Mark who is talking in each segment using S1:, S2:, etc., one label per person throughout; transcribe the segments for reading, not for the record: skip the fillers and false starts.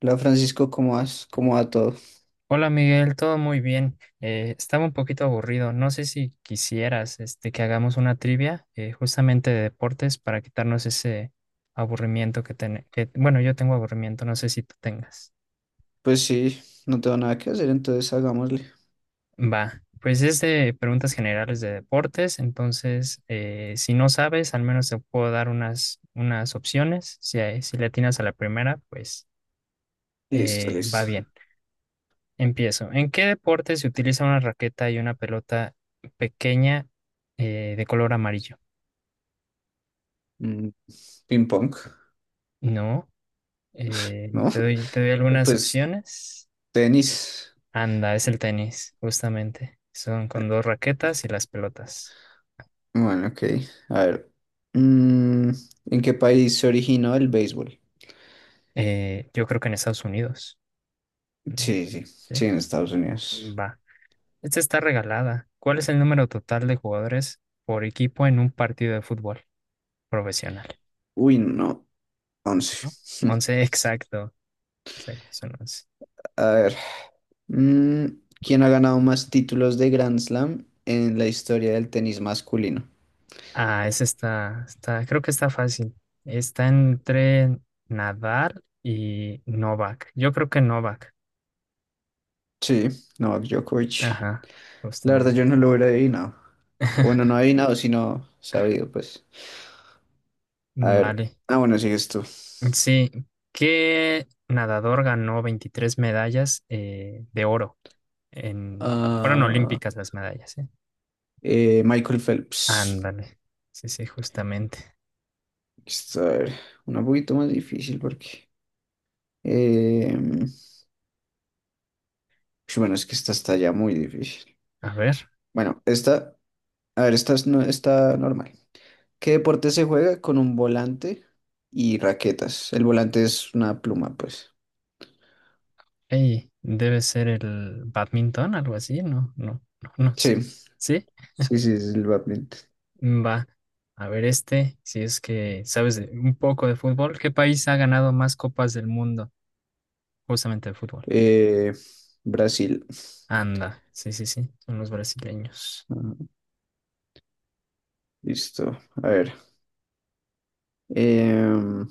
S1: Hola Francisco, ¿cómo vas? ¿Cómo va todo?
S2: Hola Miguel, todo muy bien. Estaba un poquito aburrido. No sé si quisieras este, que hagamos una trivia justamente de deportes para quitarnos ese aburrimiento que, bueno, yo tengo aburrimiento, no sé si tú tengas.
S1: Pues sí, no tengo nada que hacer, entonces hagámosle.
S2: Va, pues es de preguntas generales de deportes, entonces si no sabes, al menos te puedo dar unas opciones. Si, si le atinas a la primera, pues
S1: Listo,
S2: va
S1: listo.
S2: bien. Empiezo. ¿En qué deporte se utiliza una raqueta y una pelota pequeña de color amarillo?
S1: Mm, ping pong,
S2: No.
S1: ¿no?
S2: Te doy algunas
S1: Pues
S2: opciones.
S1: tenis.
S2: Anda, es el tenis, justamente. Son con dos raquetas y las pelotas.
S1: Bueno, ok. A ver. mm, ¿En qué país se originó el béisbol?
S2: Yo creo que en Estados Unidos. Mm.
S1: Sí, sí,
S2: ¿Sí?
S1: sí, en Estados Unidos.
S2: Va. Esta está regalada. ¿Cuál es el número total de jugadores por equipo en un partido de fútbol profesional?
S1: Uy, no, 11.
S2: ¿No? 11, exacto. Exacto, son 11.
S1: A ver. mm, ¿Quién ha ganado más títulos de Grand Slam en la historia del tenis masculino?
S2: Ah, esa creo que está fácil. Está entre Nadal y Novak. Yo creo que Novak.
S1: Sí, Novak Djokovic.
S2: Ajá,
S1: La verdad,
S2: justamente.
S1: yo no lo hubiera adivinado. Bueno, no adivinado, sino sabido, pues. A ver.
S2: Vale.
S1: Ah, bueno, sigues tú.
S2: Sí, ¿qué nadador ganó 23 medallas de oro en... Fueron
S1: Ah,
S2: olímpicas las medallas, ¿eh?
S1: Michael Phelps.
S2: Ándale. Sí, sí, justamente.
S1: Esto, a ver, una poquito más difícil porque... eh, pues bueno, es que esta está ya muy difícil.
S2: A ver.
S1: Bueno, esta... A ver, esta es no, está normal. ¿Qué deporte se juega con un volante y raquetas? El volante es una pluma, pues.
S2: Ey, debe ser el badminton, algo así, no, no, no, no
S1: Sí,
S2: sé. ¿Sí?
S1: sí, sí, es el badminton.
S2: Va, a ver este, si es que sabes un poco de fútbol, ¿qué país ha ganado más copas del mundo justamente de fútbol?
S1: Eh, Brasil.
S2: Anda, sí, sí, sí, son los brasileños.
S1: Ajá, listo. A ver. Em,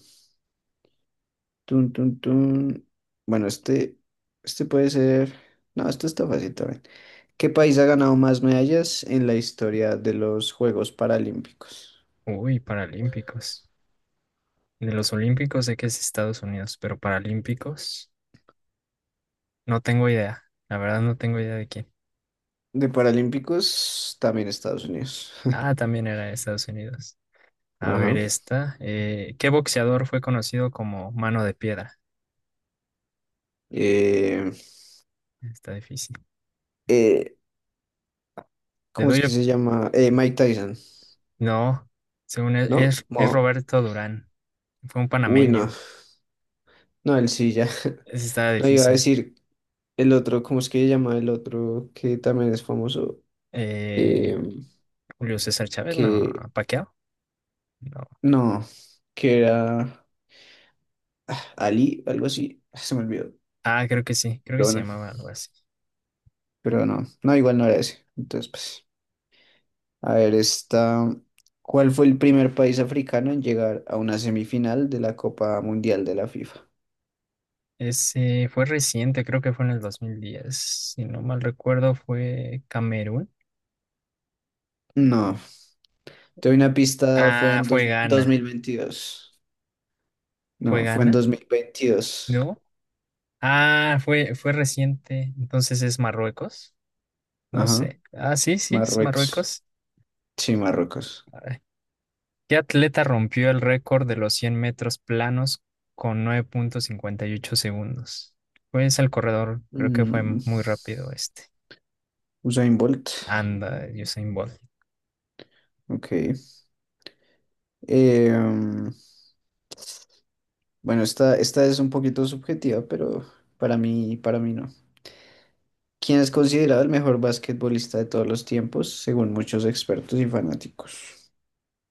S1: Tun, tun, tun. Bueno, este puede ser. No, esto está fácil también. ¿Qué país ha ganado más medallas en la historia de los Juegos Paralímpicos?
S2: Uy, paralímpicos. De los olímpicos sé que es Estados Unidos, pero paralímpicos no tengo idea. La verdad no tengo idea de quién.
S1: De Paralímpicos, también Estados Unidos.
S2: Ah, también era de Estados Unidos. A ver
S1: Ajá.
S2: esta, ¿qué boxeador fue conocido como Mano de Piedra?
S1: Eh,
S2: Está difícil.
S1: eh,
S2: Te
S1: ¿Cómo es
S2: doy,
S1: que se llama? Mike Tyson,
S2: no, según él,
S1: ¿no?
S2: es Roberto Durán. Fue un
S1: Uy, no.
S2: panameño.
S1: No, él sí ya.
S2: Ese estaba
S1: No iba a
S2: difícil.
S1: decir el otro, ¿cómo es que se llama el otro que también es famoso?
S2: Eh,
S1: Em,
S2: Julio César Chávez, no.
S1: que
S2: Paquiao. No.
S1: no, que era. Ali, algo así. Se me olvidó.
S2: Ah, creo que sí. Creo que
S1: Pero
S2: se
S1: bueno,
S2: llamaba algo así.
S1: pero no. No, igual no era ese. Entonces, pues. A ver, esta. ¿Cuál fue el primer país africano en llegar a una semifinal de la Copa Mundial de la FIFA?
S2: Ese fue reciente, creo que fue en el 2010. Si no mal recuerdo, fue Camerún.
S1: No, te doy una pista, fue
S2: Ah,
S1: en
S2: fue Ghana.
S1: 2022.
S2: ¿Fue
S1: No, fue en
S2: Ghana?
S1: 2022.
S2: ¿No? Ah, fue reciente. Entonces es Marruecos. No
S1: Ajá,
S2: sé. Ah, sí, sí, es
S1: Marruecos.
S2: Marruecos.
S1: Sí, Marruecos.
S2: ¿Qué atleta rompió el récord de los 100 metros planos con 9,58 segundos? Pues el corredor, creo que fue
S1: Mm,
S2: muy rápido este.
S1: Usain Bolt.
S2: Anda, Usain Bolt.
S1: Ok. Eh, mm, bueno, esta, esta es un poquito subjetiva, pero para mí no. Quien es considerado el mejor basquetbolista de todos los tiempos, según muchos expertos y fanáticos.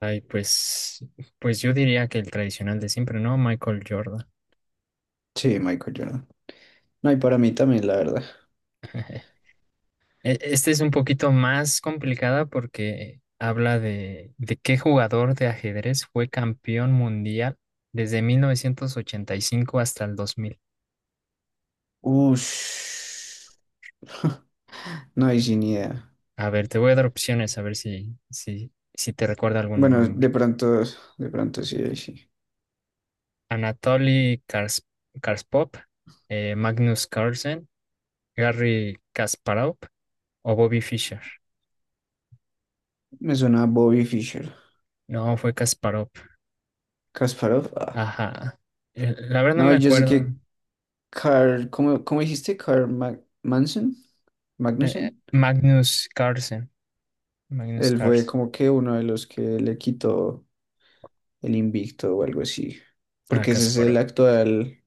S2: Ay, pues yo diría que el tradicional de siempre, ¿no? Michael Jordan.
S1: Sí, Michael Jordan. No, y para mí también, la verdad.
S2: Este es un poquito más complicada porque habla de qué jugador de ajedrez fue campeón mundial desde 1985 hasta el 2000.
S1: Ush. No, hay sin idea.
S2: A ver, te voy a dar opciones a ver si te recuerda algún
S1: Bueno,
S2: nombre.
S1: de pronto sí, ahí sí.
S2: Anatoly Karspov, Magnus Carlsen, Garry Kasparov o Bobby Fischer.
S1: Me suena a Bobby Fischer.
S2: No, fue Kasparov.
S1: Kasparov, ah.
S2: Ajá. La verdad no
S1: No,
S2: me
S1: yo sé
S2: acuerdo.
S1: que Carl, ¿cómo, cómo dijiste? Carl Manson, Magnussen.
S2: Magnus Carlsen. Magnus
S1: Él fue
S2: Carlsen.
S1: como que uno de los que le quitó el invicto o algo así.
S2: Ah,
S1: Porque ese es el
S2: Kasparov.
S1: actual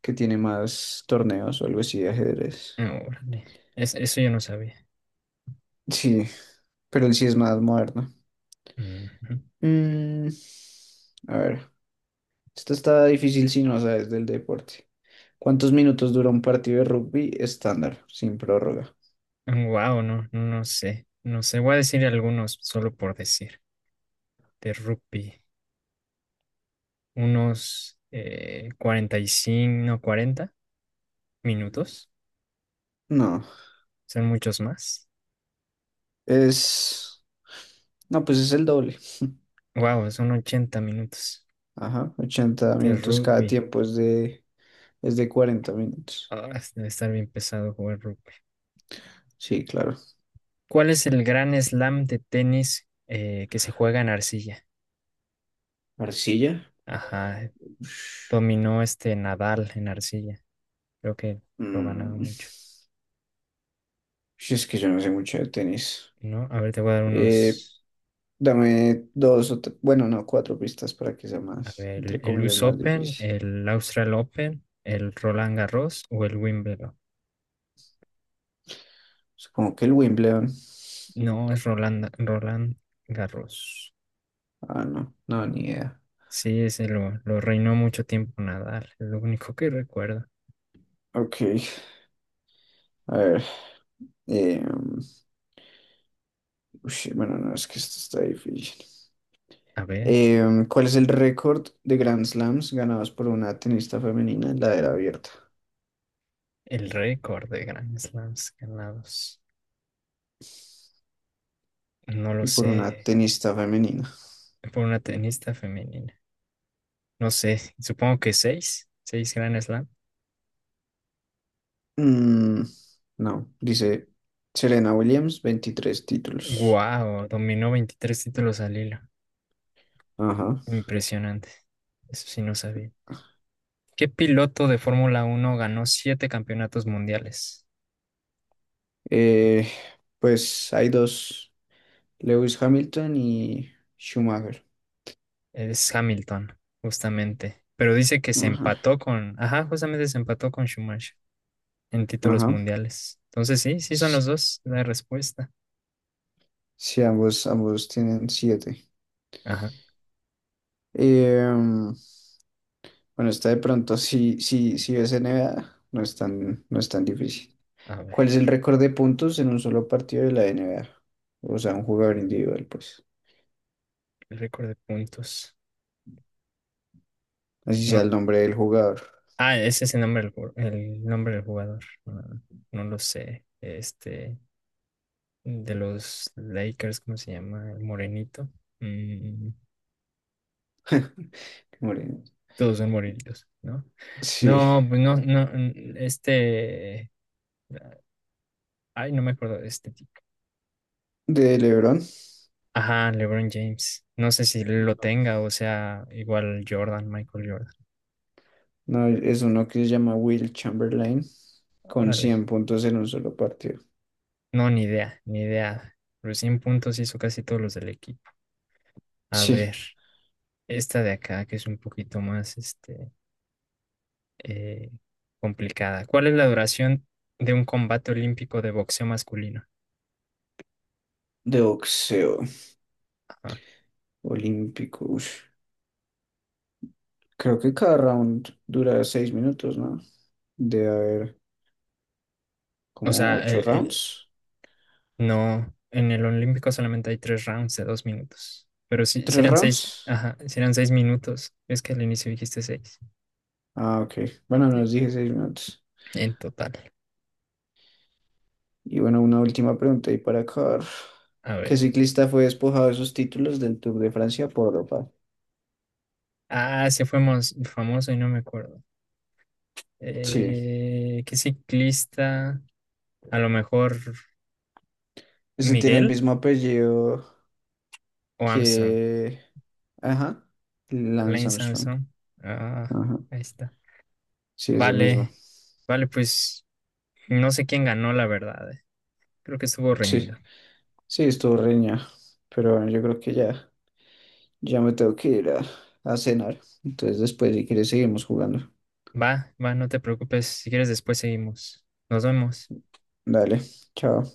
S1: que tiene más torneos o algo así de ajedrez.
S2: No, órale. Eso yo no sabía.
S1: Sí, pero él sí es más moderno. Mm, a ver, esto está difícil si no sabes del deporte. ¿Cuántos minutos dura un partido de rugby estándar, sin prórroga?
S2: Wow, no, no sé. No sé. Voy a decir algunos solo por decir. De rugby. Unos 45 no, 40 minutos.
S1: No,
S2: Son muchos más.
S1: es... No, pues es el doble.
S2: Wow, son 80 minutos
S1: Ajá, ochenta
S2: de
S1: minutos cada
S2: rugby.
S1: tiempo es de 40 minutos.
S2: Ah, debe estar bien pesado jugar rugby.
S1: Sí, claro.
S2: ¿Cuál es el gran slam de tenis que se juega en arcilla?
S1: ¿Arcilla?
S2: Ajá, dominó este Nadal en arcilla. Creo que lo ganaba
S1: Mm.
S2: mucho,
S1: Si es que yo no sé mucho de tenis.
S2: ¿no? A ver, te voy a dar
S1: Eh,
S2: unos.
S1: Dame dos o bueno, no, cuatro pistas para que sea
S2: A
S1: más, entre
S2: ver, el
S1: comillas,
S2: US
S1: más
S2: Open,
S1: difícil.
S2: el Austral Open, el Roland Garros o el Wimbledon.
S1: Supongo que el Wimbledon.
S2: No, es Roland Garros.
S1: Ah, no, no, ni idea.
S2: Sí, ese lo reinó mucho tiempo Nadal, es lo único que recuerdo.
S1: Ok, a ver. em, ush, bueno, no, es que esto está difícil.
S2: A ver,
S1: Em, ¿cuál es el récord de Grand Slams ganados por una tenista femenina en la era abierta
S2: el récord de Grand Slams ganados. No lo
S1: y por una
S2: sé,
S1: tenista femenina?
S2: por una tenista femenina. No sé, supongo que seis, seis Grand Slam.
S1: Mm, no, dice Serena Williams, 23 títulos.
S2: Wow, dominó 23 títulos al hilo.
S1: Ajá.
S2: Impresionante. Eso sí no sabía. ¿Qué piloto de Fórmula Uno ganó siete campeonatos mundiales?
S1: Eh, pues hay dos. Lewis Hamilton y Schumacher.
S2: Es Hamilton, justamente. Pero dice que se
S1: Ajá.
S2: empató con, ajá, justamente se empató con Schumacher en títulos
S1: Ajá.
S2: mundiales. Entonces sí, sí son
S1: Sí,
S2: los dos la respuesta.
S1: sí, ambos tienen siete.
S2: Ajá,
S1: Em, bueno, está de pronto, si ves NBA, no es tan difícil.
S2: a
S1: ¿Cuál
S2: ver,
S1: es el récord de puntos en un solo partido de la NBA? O sea, un jugador individual, pues.
S2: el récord de puntos.
S1: Así
S2: No,
S1: sea el nombre del jugador.
S2: ah, ese es el nombre del, el nombre del jugador. No, no lo sé. Este, de los Lakers, ¿cómo se llama? El morenito. Mm,
S1: Qué moreno.
S2: todos son morenitos, ¿no?
S1: Sí,
S2: No, pues no, no, este, ay, no me acuerdo, de este tipo.
S1: de LeBron.
S2: Ajá, LeBron James. No sé si lo tenga o sea igual Jordan, Michael Jordan.
S1: No, es uno que se llama Will Chamberlain, con
S2: Órale.
S1: 100 puntos en un solo partido.
S2: No, ni idea, ni idea. Pero 100 puntos hizo casi todos los del equipo. A ver,
S1: Sí,
S2: esta de acá que es un poquito más este, eh, complicada. ¿Cuál es la duración de un combate olímpico de boxeo masculino?
S1: de boxeo.
S2: Ajá.
S1: Olímpico. Ush. Creo que cada round dura 6 minutos, ¿no? Debe haber
S2: O
S1: como
S2: sea,
S1: ocho rounds.
S2: no, en el olímpico solamente hay tres rounds de 2 minutos. Pero sí, sí
S1: ¿Tres
S2: eran
S1: rounds?
S2: seis, ajá, sí eran 6 minutos. Es que al inicio dijiste seis.
S1: Ah, ok. Bueno,
S2: Eh,
S1: nos dije 6 minutos.
S2: En total.
S1: Y bueno, una última pregunta y para acabar.
S2: A
S1: ¿Qué
S2: ver.
S1: ciclista fue despojado de sus títulos del Tour de Francia por Europa?
S2: Ah, ese fue famoso y no me acuerdo.
S1: Sí.
S2: ¿Qué ciclista? A lo mejor
S1: Este tiene el
S2: Miguel
S1: mismo apellido
S2: o Armstrong.
S1: que... Ajá. Lance
S2: Lance
S1: Armstrong.
S2: Armstrong. Ah,
S1: Ajá.
S2: ahí está.
S1: Sí, ese mismo.
S2: Vale, vale, pues no sé quién ganó, la verdad. Creo que estuvo reñido.
S1: Sí. Sí, estuvo reña. Pero bueno, yo creo que ya. Ya me tengo que ir a cenar. Entonces después, si quieres, seguimos jugando.
S2: Va, va, no te preocupes. Si quieres, después seguimos. Nos vemos.
S1: Dale, chao.